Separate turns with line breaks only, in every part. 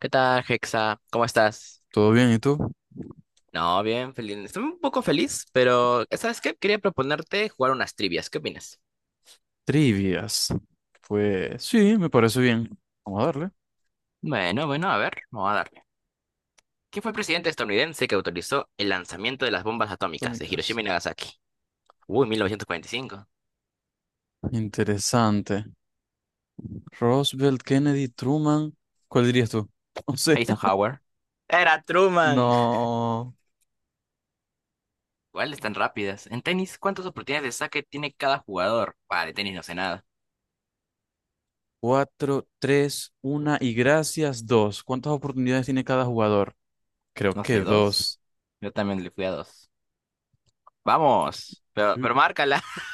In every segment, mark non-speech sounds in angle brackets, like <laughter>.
¿Qué tal, Hexa? ¿Cómo estás?
¿Todo bien? ¿Y tú?
No, bien, feliz. Estoy un poco feliz, pero ¿sabes qué? Quería proponerte jugar unas trivias. ¿Qué opinas?
Trivias. Pues sí, me parece bien. Vamos a darle.
Bueno, bueno, a ver, vamos a darle. ¿Quién fue el presidente estadounidense que autorizó el lanzamiento de las bombas atómicas de
Atómicas.
Hiroshima y Nagasaki? Uy, 1945.
Interesante. Roosevelt, Kennedy, Truman. ¿Cuál dirías tú? <laughs> No sé.
Eisenhower. Era Truman.
No.
¿Cuáles tan rápidas? En tenis, ¿cuántas oportunidades de saque tiene cada jugador? Vale, de tenis no sé nada.
Cuatro, tres, una y gracias, dos. ¿Cuántas oportunidades tiene cada jugador? Creo
No
que
sé, ¿dos?
dos.
Yo también le fui a dos. Vamos, pero,
Sí,
pero márcala. <laughs>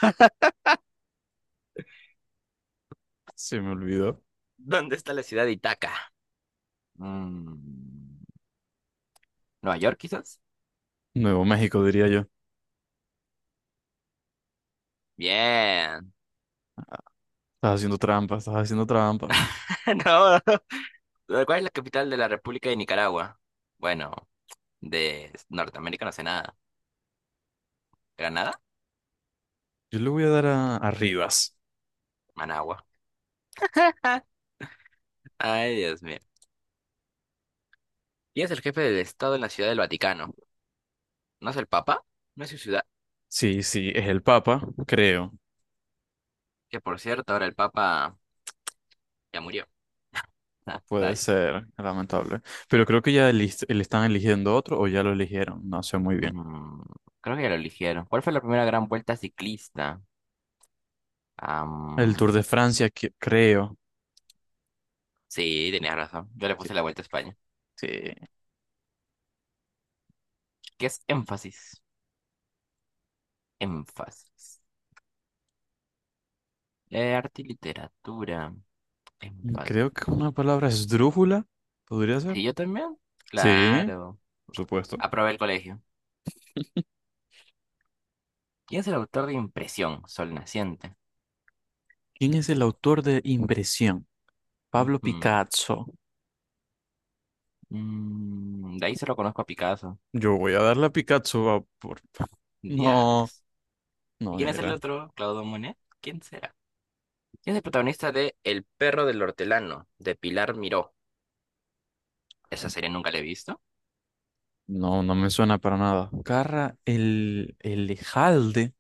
se me olvidó.
¿Dónde está la ciudad de Itaca? Mm, ¿Nueva York, quizás?
Nuevo México, diría yo.
Bien.
Estás haciendo trampa, estás haciendo trampa.
<laughs> No, no. ¿Cuál es la capital de la República de Nicaragua? Bueno, de Norteamérica no sé nada. ¿Granada?
Yo le voy a dar a Rivas.
Managua. <laughs> Ay, Dios mío. ¿Quién es el jefe del Estado en la Ciudad del Vaticano? ¿No es el Papa? No es su ciudad.
Sí, sí, es el Papa, creo.
Que por cierto, ahora el Papa ya murió. Ah,
Puede
rayos.
ser, lamentable. Pero creo que ya le están eligiendo otro o ya lo eligieron, no sé muy bien.
Mm, creo que ya lo eligieron. ¿Cuál fue la primera gran vuelta ciclista?
El Tour
Am,
de Francia, creo.
sí, tenías razón. Yo le
Sí,
puse la vuelta a España.
sí.
¿Qué es énfasis? Énfasis. Arte y literatura. Es muy fácil.
Creo que una palabra esdrújula, podría ser.
¿Y yo también?
Sí,
Claro.
por supuesto.
Aprobé el colegio. ¿Quién es el autor de Impresión, Sol Naciente?
¿Quién es el autor de Impresión? Pablo
Ujú.
Picasso.
De ahí solo conozco a Picasso.
Yo voy a darle a Picasso va, por... <laughs> No,
Diablos. ¿Y
no
quién es el
era.
otro? ¿Claudio Monet? ¿Quién será? ¿Quién es el protagonista de El perro del hortelano, de Pilar Miró? ¿Esa serie nunca la he visto?
No, no me suena para nada. Carra el Ejalde.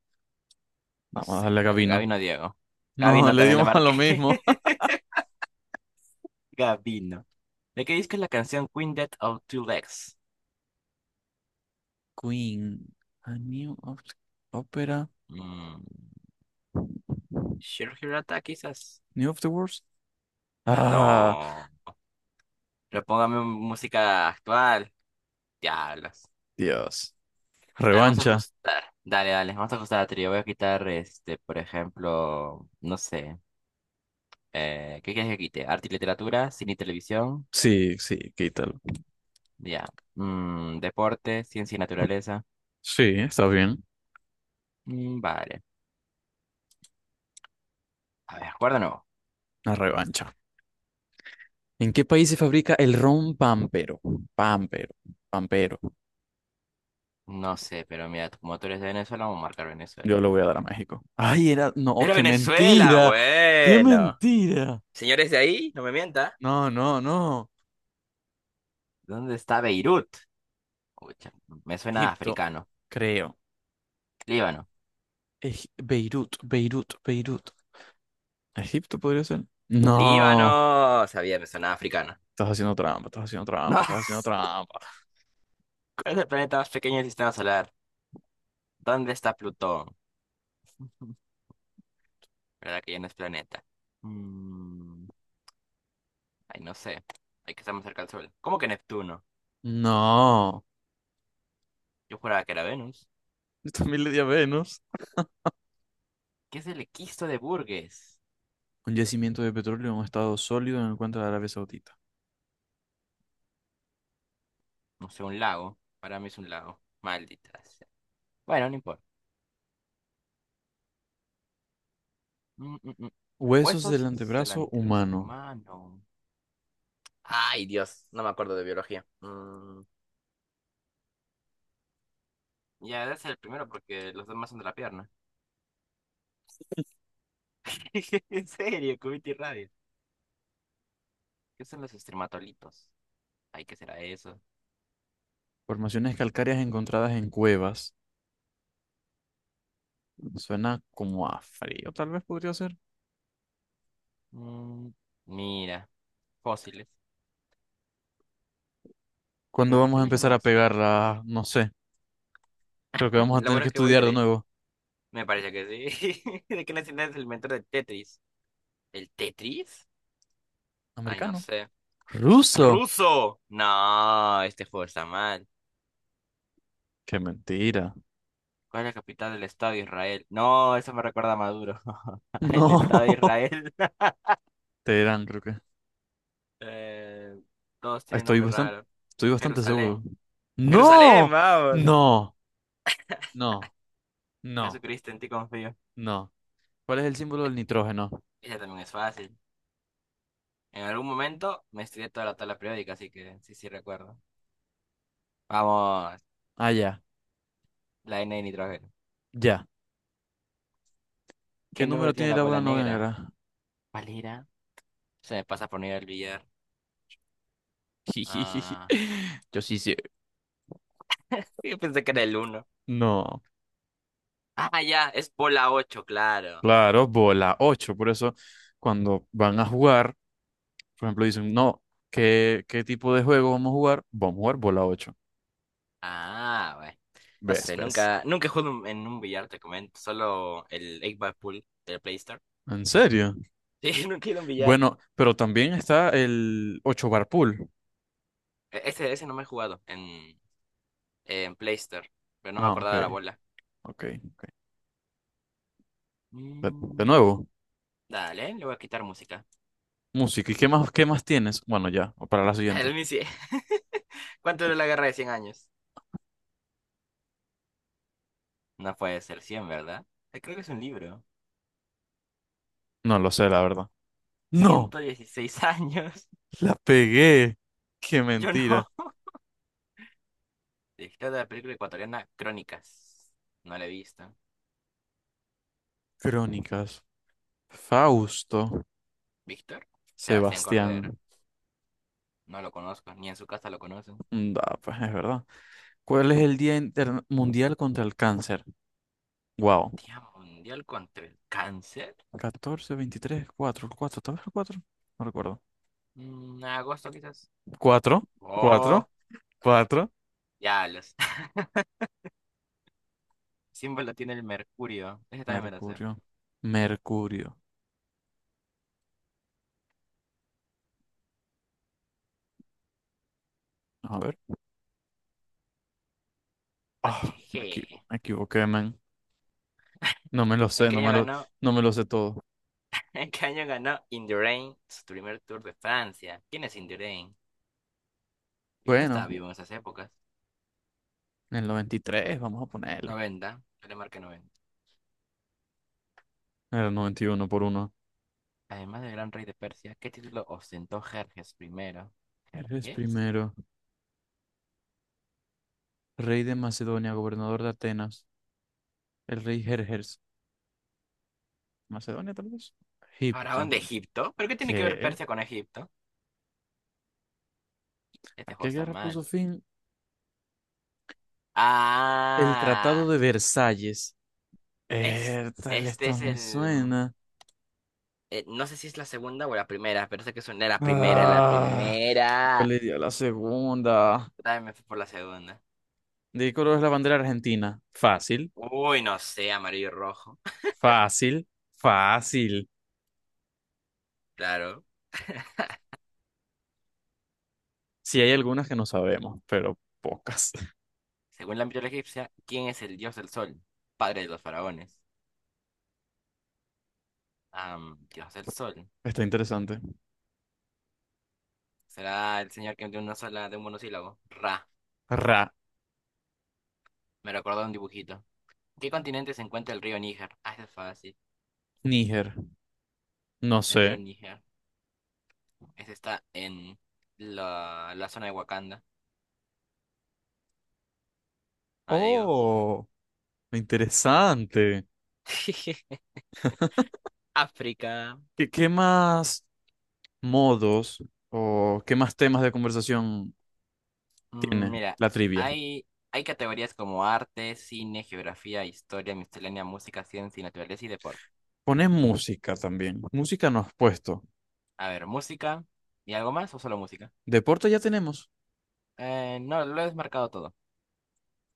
No
Vamos a
sé.
darle a Gavino.
Gabino Diego.
No,
Gabino
le
también le
dimos a lo
marqué.
mismo. <laughs>
<laughs> Gabino. ¿De qué disco es la canción Queen Dead of Two Legs?
Queen. A New of the Opera.
Mm. Shiro Hirata, quizás.
New of the Words. Ah,
No. Repóngame música actual. Diablos.
Dios.
A ver, vamos a
Revancha.
ajustar. Dale, dale, vamos a ajustar la trío. Voy a quitar, por ejemplo, no sé. ¿Qué quieres que quite? Arte y literatura, cine y televisión.
Sí, sí, quítalo.
Ya. Deporte, ciencia y naturaleza.
Sí, está bien.
Mm, vale. A ver, acuerdo o no.
La revancha. ¿En qué país se fabrica el ron pampero? Pampero, pampero.
No sé, pero mira, como tú eres de Venezuela, vamos a marcar Venezuela.
Yo lo voy a dar a México. Ay, era. No,
¡Pero
qué
Venezuela!
mentira. Qué
Bueno.
mentira.
Señores de ahí, no me mienta.
No, no, no.
¿Dónde está Beirut? Escucha, me suena
Egipto,
africano.
creo.
Líbano.
Beirut, Beirut, Beirut. ¿Egipto podría ser? No.
Líbano. Sabía, me suena africano.
Estás haciendo trampa, estás haciendo trampa,
No,
estás
<laughs>
haciendo trampa.
¿cuál es el planeta más pequeño del sistema solar? ¿Dónde está Plutón? <laughs> ¿Verdad que ya no es planeta? Mm, ay, no sé. Hay que estar más cerca del Sol. ¿Cómo que Neptuno?
No.
Yo juraba que era Venus.
<laughs> Yo también le di a Venus.
¿Qué es el equisto de Burgess?
Un yacimiento de petróleo en un estado sólido en el cuenco de Arabia Saudita.
No sé, un lago. Para mí es un lago. Maldita sea. Bueno, no importa. Mm, mm, mm.
Huesos del
Huesos del
antebrazo
antebrazo
humano.
humano. Ay, Dios, no me acuerdo de biología. Ya debe ser el primero porque los demás son de la pierna. <laughs> En serio, Cubit y Radius. ¿Qué son los estrematolitos? Ay, ¿qué será eso?
Formaciones calcáreas encontradas en cuevas. Suena como a frío, tal vez podría ser.
Mm, mira, fósiles.
¿Cuándo
¿Pero por
vamos
qué
a
les
empezar a
llamas así?
pegarla? No sé. Creo que
<laughs>
vamos a
Lo
tener
bueno
que
es que voy
estudiar de
tres.
nuevo.
Me parece que sí. <laughs> ¿De qué nacionalidad es el mentor del Tetris? ¿El Tetris? Ay, no
¿Americano?
sé.
¿Ruso?
¡Ruso! No, este juego está mal.
¡Qué mentira!
¿Cuál es la capital del Estado de Israel? No, eso me recuerda a Maduro. <laughs> El
No.
Estado de
<laughs>
Israel. <laughs>
Teherán, creo que.
Eh, todos tienen
Estoy
nombre
bastante,
raro.
estoy bastante seguro.
Jerusalén. Jerusalén,
¡No!
vamos.
¡No! No, no,
Jesucristo, en ti confío.
no. ¿Cuál es el símbolo del nitrógeno?
Ese también es fácil. En algún momento me estudié toda la tabla periódica, así que sí, sí recuerdo. Vamos,
Ah, ya,
la N de nitrógeno.
ya. ¿Qué
¿Qué número
número
tiene
tiene
la
la bola
bola negra?
negra?
¿Cuál era? Se me pasa por no ir al billar.
Jijijiji.
Ah,
<laughs> Yo sí sé.
yo pensé que era el uno.
No,
Ah, ya, es bola 8, claro.
claro, bola 8. Por eso, cuando van a jugar, por ejemplo, dicen, no, ¿qué tipo de juego vamos a jugar? Vamos a jugar bola 8.
Ah, bueno. No sé,
¿Ves?
nunca, nunca he jugado en un billar, te comento. Solo el 8 Ball Pool del Play Store.
¿Ves? ¿En serio?
<laughs> Sí, nunca he ido a un billar.
Bueno, pero también está el 8 bar pool.
Ese no me he jugado. En Play Store, pero no me
Ah, ok,
acordaba de la bola.
ok, ok. De
Mm,
nuevo,
dale, le voy a quitar música.
música. ¿Y qué más tienes? Bueno, ya, para la
<laughs>
siguiente.
El Missy, <laughs> ¿Cuánto duró la guerra de cien años? No puede ser cien, ¿verdad? Creo que es un libro.
No lo sé, la verdad. No,
116 años. <laughs>
la pegué. Qué
Yo no.
mentira.
Director de la película ecuatoriana Crónicas. No la he visto.
Crónicas. Fausto.
¿Víctor? Sebastián
Sebastián.
Cordero. No lo conozco, ni en su casa lo conocen.
Mm, da, pues es verdad. ¿Cuál es el Día Mundial contra el Cáncer? Wow.
Día Mundial contra el Cáncer.
14 23 4 4. ¿Tal vez el 4? No recuerdo.
Agosto quizás.
Cuatro, cuatro,
Oh,
cuatro.
ya los <laughs> símbolo tiene el mercurio. Ese también me lo sé.
Mercurio. Mercurio. A ver. Ah,
Hg.
me equivoqué, man. No me lo
¿En
sé,
qué año ganó?
no me lo sé todo.
<laughs> ¿En qué año ganó In the Rain su primer Tour de Francia? ¿Quién es In the Rain? Yo no
Bueno,
estaba vivo en esas épocas.
en el 93 vamos a ponerle.
90. Yo le marqué 90.
Era 91 por uno.
Además del gran rey de Persia, ¿qué título ostentó Jerjes primero?
Eres
¿Jerjes?
primero. Rey de Macedonia, gobernador de Atenas. El rey Jerjes. ¿Macedonia tal vez? Egipto.
¿Faraón de Egipto? ¿Pero qué tiene que ver
¿Qué?
Persia con Egipto?
¿A
Este juego
qué
está
guerra puso
mal.
fin? El Tratado
Ah,
de Versalles.
es,
Tal
este
esta
es
me
el...
suena.
no sé si es la segunda o la primera, pero sé que es la primera, la
Ah, yo
primera.
le di a la segunda.
También me fui por la segunda.
¿De qué color es la bandera argentina? Fácil,
Uy, no sé, amarillo y rojo. <laughs>
fácil, fácil.
Claro.
Sí hay algunas que no sabemos, pero pocas.
Según la mitología egipcia, ¿quién es el dios del sol? Padre de los faraones. Dios del
<laughs>
sol.
Está interesante.
¿Será el señor que de una sola, de un monosílabo? Ra.
Ra,
Me recordó un dibujito. ¿En qué continente se encuentra el río Níger? Ah, ese es fácil.
Níger. No
El
sé.
río Níger. Ese está en la zona de Wakanda. No le digo.
Oh, interesante.
<laughs> África.
¿Qué, qué más modos o qué más temas de conversación tiene
Mira,
la trivia?
hay, hay categorías como arte, cine, geografía, historia, miscelánea, música, ciencia y naturaleza y deporte.
Pones música también. Música no has puesto.
A ver, música y algo más o solo música.
Deporte ya tenemos.
No, lo he desmarcado todo.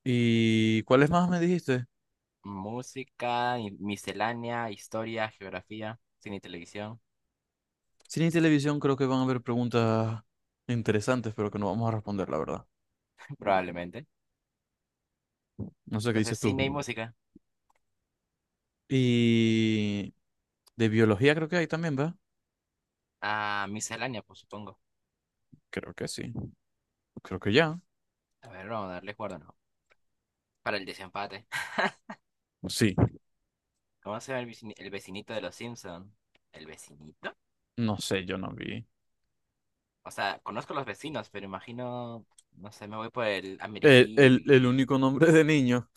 ¿Y cuáles más me dijiste?
Música, miscelánea, historia, geografía, cine y televisión,
Cine y televisión creo que van a haber preguntas interesantes, pero que no vamos a responder, la verdad.
<laughs> probablemente.
No sé qué dices
Entonces,
tú.
cine y música.
Y de biología creo que hay también, ¿verdad?
Ah, miscelánea, pues supongo.
Creo que sí. Creo que ya.
A ver, vamos a darle cuerda, ¿no? Para el desempate. <laughs>
Sí.
¿Cómo se llama el el vecinito de los Simpson? ¿El vecinito?
No sé, yo no vi.
O sea, conozco los vecinos, pero imagino, no sé, me voy por el
El,
amiguijillo,
el, el
amiguirillo.
único nombre de niño.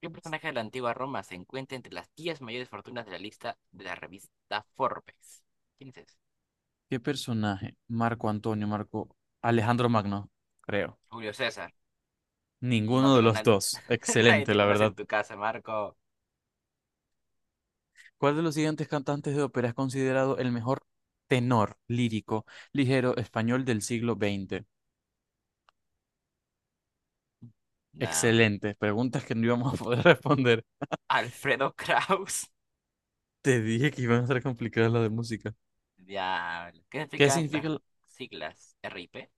¿Qué personaje de la antigua Roma se encuentra entre las 10 mayores fortunas de la lista de la revista Forbes? ¿Quién es? ¿ese?
¿Qué personaje? Marco Antonio, Marco Alejandro Magno, creo.
Julio César. No
Ninguno
te
de los
conoce,
dos.
<laughs> nadie
Excelente,
te
la
conoce
verdad.
en tu casa, Marco.
¿Cuál de los siguientes cantantes de ópera es considerado el mejor tenor lírico ligero español del siglo XX?
Nam.
Excelente. Preguntas que no íbamos a poder <laughs> responder.
Alfredo Kraus.
Te dije que iban a ser complicadas las de música.
<laughs> Diablo. ¿Qué
¿Qué
significan
significa
las
el-
siglas RIP?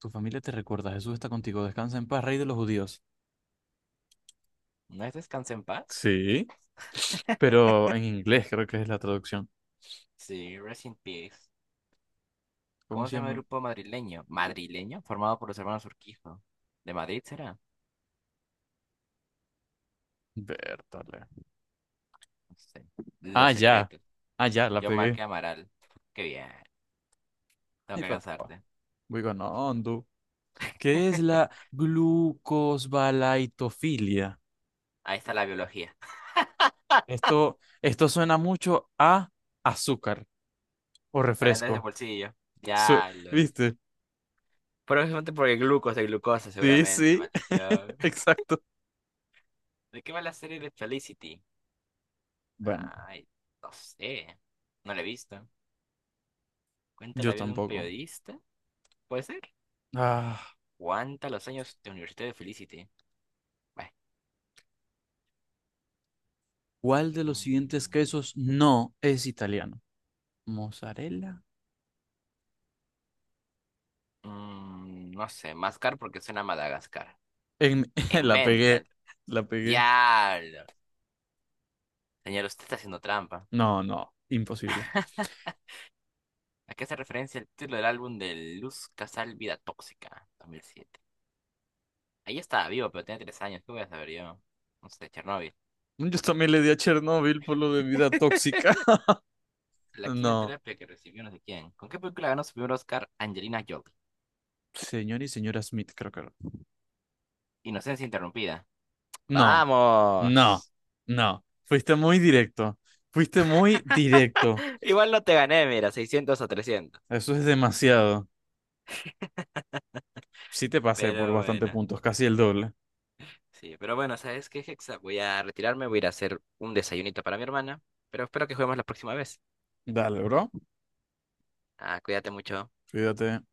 Tu familia te recuerda. Jesús está contigo. Descansa en paz, rey de los judíos.
¿No es Descansa en paz?
Sí, pero en inglés creo que es la traducción.
Sí, Rest in Peace.
¿Cómo
¿Cómo
se
se llama el
llama?
grupo madrileño? ¿Madrileño? Formado por los hermanos Urquijo. ¿De Madrid será?
Bertale.
No sé.
Ah,
Los
ya.
secretos.
Ah, ya, la
Yo
pegué.
marqué Amaral. Qué bien.
<laughs>
Tengo
Ay,
que
papá.
alcanzarte.
Voy ganando. ¿Qué es
<laughs>
la glucosbalaitofilia?
Ahí está la biología.
Esto suena mucho a azúcar o
Calentar ese
refresco.
bolsillo.
Su-
Diablos.
¿Viste?
Probablemente porque el glucos de glucosa,
Sí,
seguramente,
sí,
maldito.
<laughs> exacto.
¿De qué va la serie de Felicity?
Bueno,
Ay, no sé. No la he visto. ¿Cuenta la
yo
vida de un
tampoco.
periodista? ¿Puede ser?
Ah,
¿Cuánta los años de Universidad de Felicity? Bueno,
¿cuál de los siguientes
mm,
quesos no es italiano? ¿Mozzarella?
no sé. Máscar porque suena a Madagascar.
En- <laughs>
En
la pegué,
Mental.
la pegué.
Diablo. Señor, usted está haciendo trampa.
No, no, imposible.
¿A qué hace referencia el título del álbum de Luz Casal Vida Tóxica, 2007? Ahí estaba vivo, pero tenía 3 años. ¿Qué voy a saber yo? No sé, Chernóbil.
Yo también le di a Chernobyl por lo de vida tóxica. <laughs>
La
No,
quimioterapia que recibió no sé quién. ¿Con qué película ganó su primer Oscar Angelina Jolie?
señor y señora Smith, creo que era.
Inocencia interrumpida.
No. No,
Vamos.
no. Fuiste muy directo. Fuiste muy directo.
Igual no te gané, mira, 600 o 300.
Eso es demasiado. Sí te pasé por
Pero
bastante
bueno.
puntos, casi el doble.
Sí, pero bueno, ¿sabes qué, Hexa? Voy a retirarme, voy a ir a hacer un desayunito para mi hermana, pero espero que juguemos la próxima vez.
Dale, bro.
Ah, cuídate mucho.
Cuídate.